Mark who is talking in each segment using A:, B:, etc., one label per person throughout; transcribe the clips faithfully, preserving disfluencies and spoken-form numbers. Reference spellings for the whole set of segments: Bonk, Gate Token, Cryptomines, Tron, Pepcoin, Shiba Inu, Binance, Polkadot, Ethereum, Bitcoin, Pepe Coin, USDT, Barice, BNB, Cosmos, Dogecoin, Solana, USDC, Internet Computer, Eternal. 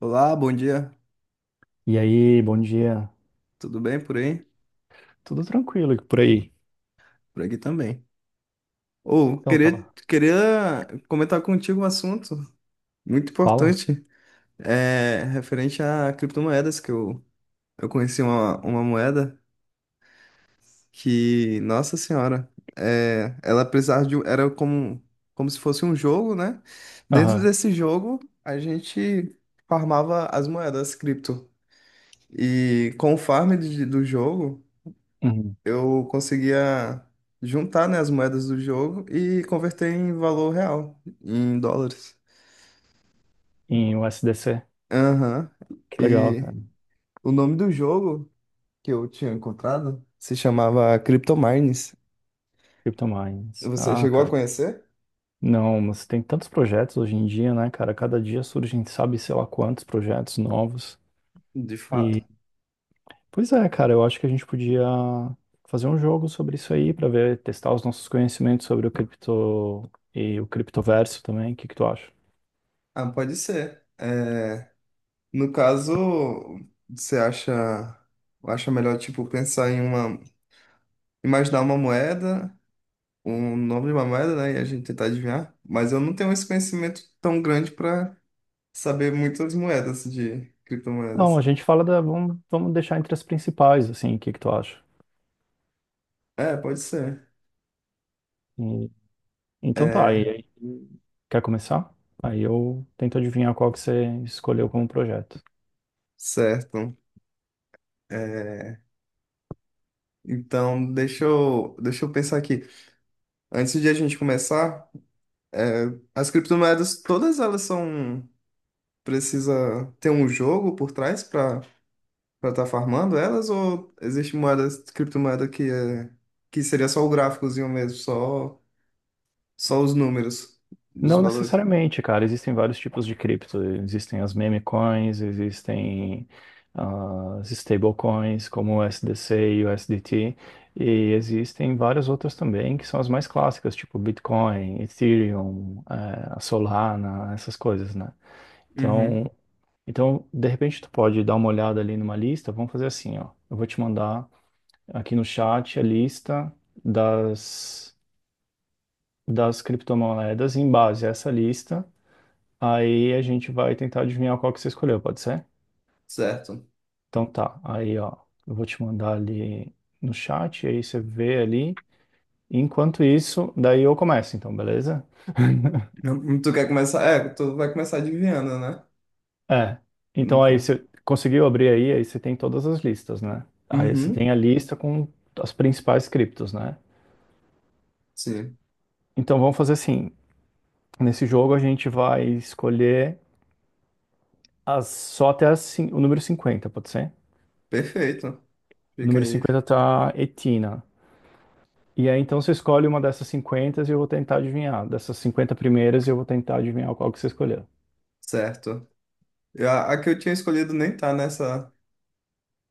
A: Olá, bom dia.
B: E aí, bom dia.
A: Tudo bem por aí?
B: Tudo tranquilo e por aí?
A: Por aqui também. Ou,
B: Então,
A: queria,
B: tava.
A: queria comentar contigo um assunto muito
B: Fala?
A: importante, é, referente a criptomoedas, que eu, eu conheci uma, uma moeda que, nossa senhora, é, ela precisava de, um- era como, como se fosse um jogo, né? Dentro
B: Aham.
A: desse jogo, a gente farmava as moedas cripto. E com o farm de- do jogo,
B: Uhum.
A: eu conseguia juntar, né, as moedas do jogo e converter em valor real, em dólares.
B: Em U S D C.
A: Aham.
B: Que legal,
A: E
B: cara.
A: o nome do jogo que eu tinha encontrado se chamava Cryptomines.
B: Cryptomines.
A: Você
B: Ah,
A: chegou a
B: cara.
A: conhecer?
B: Não, mas tem tantos projetos hoje em dia, né, cara? Cada dia surgem, sabe, sei lá quantos projetos novos.
A: De fato.
B: E, Pois é, cara, eu acho que a gente podia fazer um jogo sobre isso aí pra ver, testar os nossos conhecimentos sobre o cripto e o criptoverso também. O que que tu acha?
A: Ah, pode ser. É, no caso, você acha, acha melhor, tipo, pensar em uma, imaginar uma moeda, um nome de uma moeda, né, e a gente tentar adivinhar? Mas eu não tenho esse conhecimento tão grande para saber muitas moedas de criptomoedas,
B: Não, a
A: assim.
B: gente fala da. Vamos, vamos deixar entre as principais, assim, o que que tu acha?
A: É, pode ser.
B: Então tá, e
A: É,
B: aí, quer começar? Aí eu tento adivinhar qual que você escolheu como projeto.
A: certo. É, então, deixa eu, deixa eu pensar aqui. Antes de a gente começar, é, as criptomoedas, todas elas são... Precisa ter um jogo por trás para para estar farmando elas? Ou existe moedas, criptomoeda que, é, que seria só o gráficozinho mesmo, só, só os números dos
B: Não
A: valores?
B: necessariamente, cara, existem vários tipos de cripto. Existem as meme coins, existem ah, as stablecoins como o U S D C e o U S D T, e existem várias outras também que são as mais clássicas, tipo Bitcoin, Ethereum, eh, a Solana, essas coisas, né?
A: Uhum,
B: Então, então, de repente tu pode dar uma olhada ali numa lista, vamos fazer assim, ó. Eu vou te mandar aqui no chat a lista das, das criptomoedas em base a essa lista. Aí a gente vai tentar adivinhar qual que você escolheu, pode ser?
A: certo.
B: Então tá, aí ó, eu vou te mandar ali no chat, aí você vê ali. Enquanto isso, daí eu começo, então, beleza?
A: Tu quer começar? É, tu vai começar adivinhando, né?
B: É. Então aí
A: Nunca.
B: você conseguiu abrir aí, aí você tem todas as listas, né? Aí você
A: Uhum,
B: tem a lista com as principais criptos, né?
A: sim.
B: Então vamos fazer assim. Nesse jogo a gente vai escolher As- só até as cin- o número cinquenta, pode ser?
A: Perfeito.
B: O
A: Fica
B: número
A: aí.
B: cinquenta, tá Etina. E aí, então, você escolhe uma dessas cinquenta e eu vou tentar adivinhar. Dessas cinquenta primeiras, eu vou tentar adivinhar qual que você escolheu.
A: Certo. Eu- A, a que eu tinha escolhido nem tá nessa,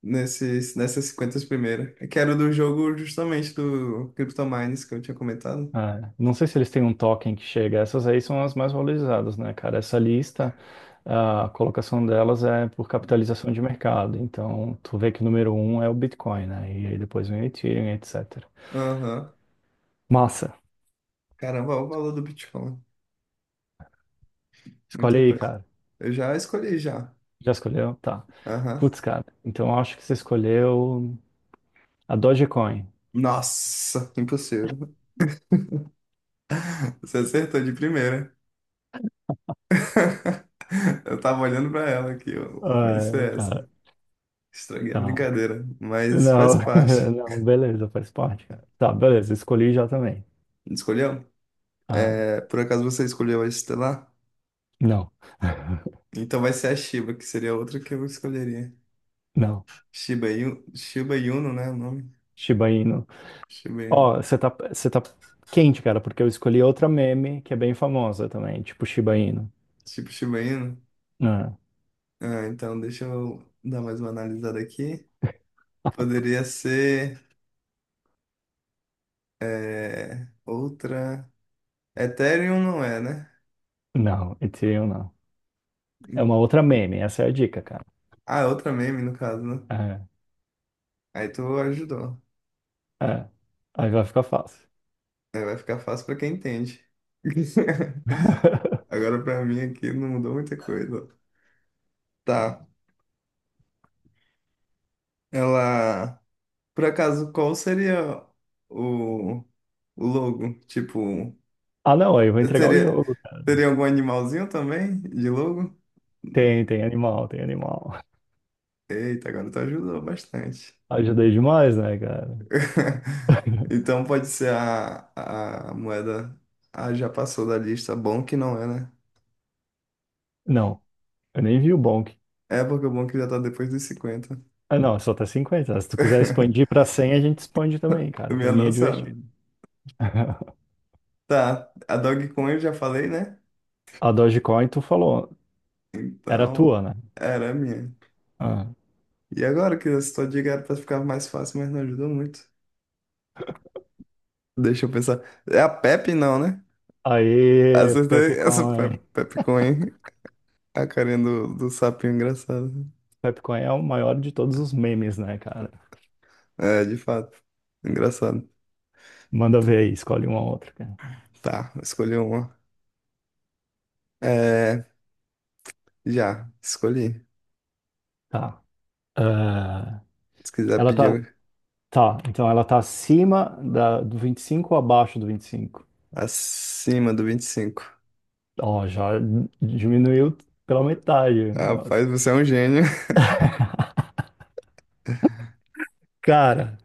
A: nesses, nessas cinquenta primeiras, que era do jogo justamente do CryptoMines que eu tinha comentado.
B: É, não sei se eles têm um token que chega. Essas aí são as mais valorizadas, né, cara? Essa lista, a colocação delas é por capitalização de mercado. Então, tu vê que o número um é o Bitcoin, né? E aí depois vem o Ethereum, etcétera.
A: Aham.
B: Massa.
A: Caramba, olha o valor do Bitcoin.
B: Escolhe
A: Muita
B: aí,
A: coisa.
B: cara.
A: Eu já escolhi já.
B: Já escolheu? Tá.
A: Aham.
B: Putz, cara. Então, eu acho que você escolheu a Dogecoin.
A: Nossa, impossível. Você acertou de primeira. Eu tava olhando pra ela aqui, ó. Vai
B: Ah,
A: ser essa.
B: cara,
A: Estraguei a
B: tá.
A: brincadeira, mas
B: Não,
A: faz parte.
B: não, beleza, faz parte, cara. Tá, beleza, escolhi já também.
A: Escolheu?
B: Ah,
A: É, por acaso você escolheu a Estelar?
B: não,
A: Então vai ser a Shiba, que seria a outra que eu escolheria.
B: não.
A: Shiba Inu, Shiba Inu, né? O nome?
B: Shiba Inu.
A: Shiba
B: Ó,
A: Inu.
B: você tá, você tá quente, cara, porque eu escolhi outra meme que é bem famosa também, tipo Shiba Inu.
A: Tipo Shiba Inu.
B: Ah,
A: Ah, então deixa eu dar mais uma analisada aqui. Poderia ser é, outra. Ethereum não é, né?
B: não, Ethereum não. É uma outra meme, essa é a dica, cara.
A: Ah, é outra meme no caso, né?
B: É,
A: Aí tu ajudou.
B: é. Aí vai ficar fácil.
A: Aí vai ficar fácil pra quem entende. Agora pra mim aqui não mudou muita coisa. Tá. Ela. Por acaso, qual seria o, o logo? Tipo,
B: Ah, não, aí eu vou entregar o
A: seria,
B: jogo, cara.
A: teria algum animalzinho também de logo?
B: Tem, tem animal, tem animal.
A: Eita, agora tu ajudou bastante.
B: Ajudei demais, né, cara?
A: Então pode ser a, a moeda. Ah, já passou da lista. Bom que não é, né?
B: Não, eu nem vi o Bonk.
A: É porque o bom é que já tá depois dos cinquenta.
B: Ah, não, só tá cinquenta. Se tu quiser expandir pra cem, a gente expande também, cara. Pra
A: Minha
B: mim é
A: nossa.
B: divertido.
A: Tá, a Dogecoin eu já falei, né?
B: A Dogecoin, tu falou, era
A: Então,
B: tua, né?
A: era a minha.
B: Ah.
A: E agora que essa tua dica era pra ficar mais fácil, mas não ajudou muito. Deixa eu pensar. É a Pepe, não, né?
B: Aí,
A: Acertei essa Pe-
B: Pepcoin.
A: Pepe Coin. A carinha do, do sapinho engraçado.
B: Pepcoin é o maior de todos os memes, né, cara?
A: É, de fato. Engraçado.
B: Manda ver aí, escolhe uma ou outra, cara.
A: Tá, escolhi uma. É, já, escolhi.
B: Tá. Ah,
A: Se quiser
B: ela tá.
A: pedir
B: Tá, então ela tá acima da, do vinte e cinco ou abaixo do vinte e cinco?
A: acima do vinte e cinco.
B: Ó, já diminuiu pela metade o negócio.
A: Rapaz, você é um gênio.
B: Cara,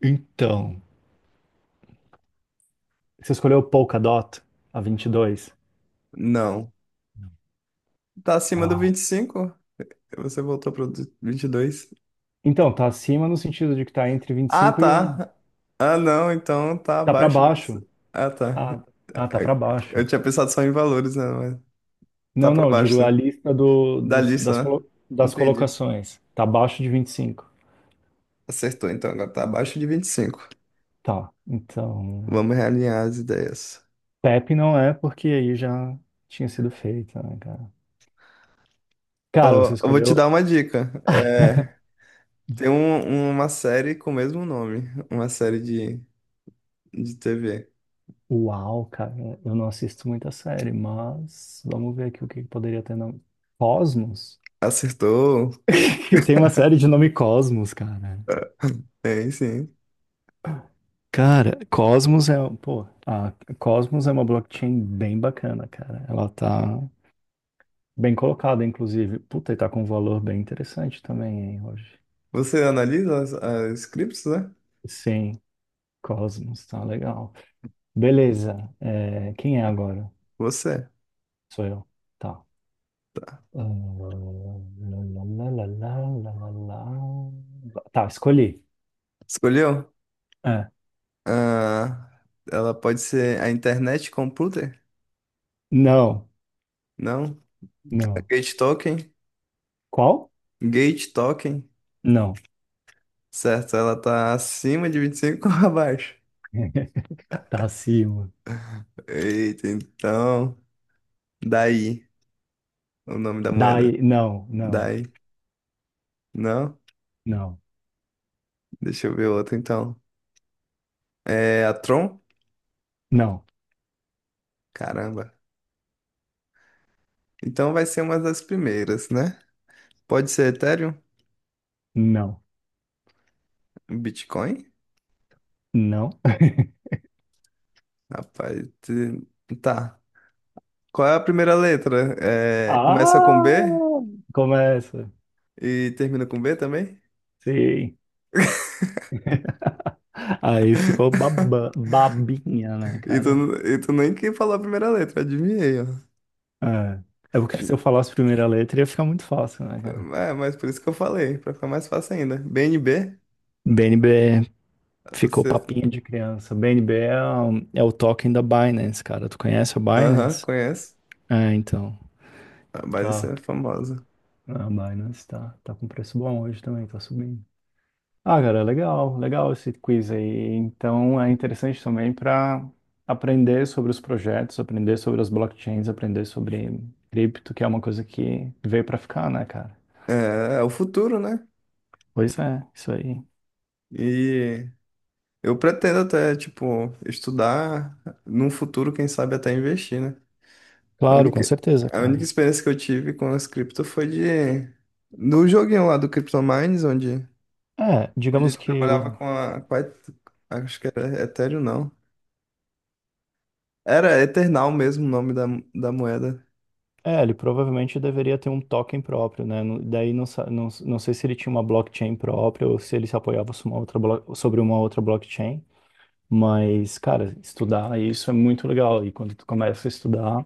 B: então, você escolheu Polkadot, a vinte e dois.
A: Não. Tá acima do
B: Ah,
A: vinte e cinco. Você voltou pro vinte e dois.
B: então, tá acima no sentido de que tá entre
A: Ah,
B: vinte e cinco e um.
A: tá. Ah, não, então tá
B: Tá pra
A: abaixo do
B: baixo.
A: vinte e cinco. Ah, tá.
B: Ah, ah, tá pra
A: É,
B: baixo.
A: Eu tinha pensado só em valores, né? Mas tá
B: Não,
A: pra
B: não, eu digo
A: baixo.
B: a lista do,
A: Da
B: dos- das,
A: lista, né?
B: colo- das
A: Entendi.
B: colocações. Tá abaixo de vinte e cinco.
A: Acertou, então agora tá abaixo de vinte e cinco.
B: Tá, então.
A: Vamos realinhar as ideias.
B: Pepe não é porque aí já tinha sido feita, né, cara? Cara, você
A: Ó, eu vou te
B: escolheu.
A: dar uma dica. É, tem um- uma série com o mesmo nome. Uma série de, de T V.
B: Uau, cara, eu não assisto muita série, mas vamos ver aqui o que poderia ter nome. Cosmos?
A: Acertou?
B: Tem uma série de nome Cosmos, cara.
A: É, Tem, sim.
B: Cara, Cosmos é, pô, a Cosmos é uma blockchain bem bacana, cara. Ela tá bem colocada, inclusive. Puta, e tá com um valor bem interessante também, hein, hoje.
A: Você analisa as, as scripts, né?
B: Sim, Cosmos, tá legal. Beleza. É, quem é agora?
A: Você.
B: Sou eu. Tá. Ah, lá, lá, lá, lá, lá, lá, lá. Tá, escolhi.
A: Escolheu?
B: É.
A: Ah, ela pode ser a internet computer?
B: Não,
A: Não. A
B: não.
A: gate token?
B: Qual?
A: Gate token?
B: Não.
A: Certo, ela tá acima de vinte e cinco ou abaixo?
B: Tá acima.
A: Eita, então. Daí, o nome da
B: Dai,
A: moeda.
B: não, não,
A: Daí. Não?
B: não,
A: Deixa eu ver outra então. É a Tron?
B: não,
A: Caramba. Então vai ser uma das primeiras, né? Pode ser Ethereum?
B: não.
A: Bitcoin?
B: Não.
A: Rapaz. te- Tá. Qual é a primeira letra? É, começa com
B: Ah,
A: B
B: começa.
A: e termina com B também?
B: Sim. Aí ficou baba- babinha, né,
A: E tu,
B: cara?
A: e tu nem que falou a primeira letra, adivinhei, ó.
B: É. É porque se eu
A: E-
B: falasse a primeira letra ia ficar muito fácil, né, cara?
A: É, mas por isso que eu falei, pra ficar mais fácil ainda. B N B?
B: B N B
A: A
B: ficou
A: sexta.
B: papinha de criança. B N B é, o- é o token da Binance, cara. Tu conhece a
A: Aham,
B: Binance?
A: conheço.
B: É, então.
A: A Barice
B: Tá.
A: é famosa.
B: A Binance tá, tá com preço bom hoje também, tá subindo. Ah, cara, legal, legal esse quiz aí. Então é interessante também para aprender sobre os projetos, aprender sobre as blockchains, aprender sobre cripto, que é uma coisa que veio para ficar, né, cara?
A: É, é o futuro, né?
B: Pois é, isso aí.
A: E eu pretendo até, tipo, estudar num futuro, quem sabe até investir, né? A
B: Claro, com
A: única,
B: certeza,
A: a
B: cara.
A: única experiência que eu tive com as cripto foi de... No joguinho lá do CryptoMines, onde,
B: É,
A: onde
B: digamos que o...
A: trabalhava com a, com a... Et- Acho que era Ethereum, não. Era Eternal mesmo o nome da, da moeda.
B: é, ele provavelmente deveria ter um token próprio, né? No- Daí não, sa- não, não sei se ele tinha uma blockchain própria ou se ele se apoiava sobre uma outra, blo- sobre uma outra blockchain. Mas, cara, estudar isso é muito legal. E quando tu começa a estudar,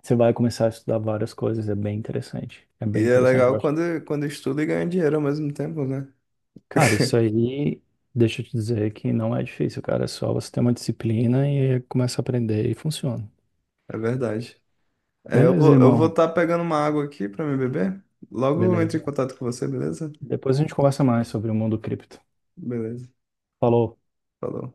B: você vai começar a estudar várias coisas, é bem interessante. É
A: E
B: bem
A: é
B: interessante, eu
A: legal
B: acho.
A: quando, quando estuda e ganha dinheiro ao mesmo tempo, né?
B: Cara, isso aí, deixa eu te dizer que não é difícil, cara. É só você ter uma disciplina e começa a aprender e funciona.
A: É verdade. É, eu
B: Beleza,
A: vou, eu vou
B: irmão.
A: estar pegando uma água aqui para me beber. Logo eu entro em
B: Beleza.
A: contato com você, beleza?
B: Depois a gente conversa mais sobre o mundo cripto.
A: Beleza.
B: Falou.
A: Falou.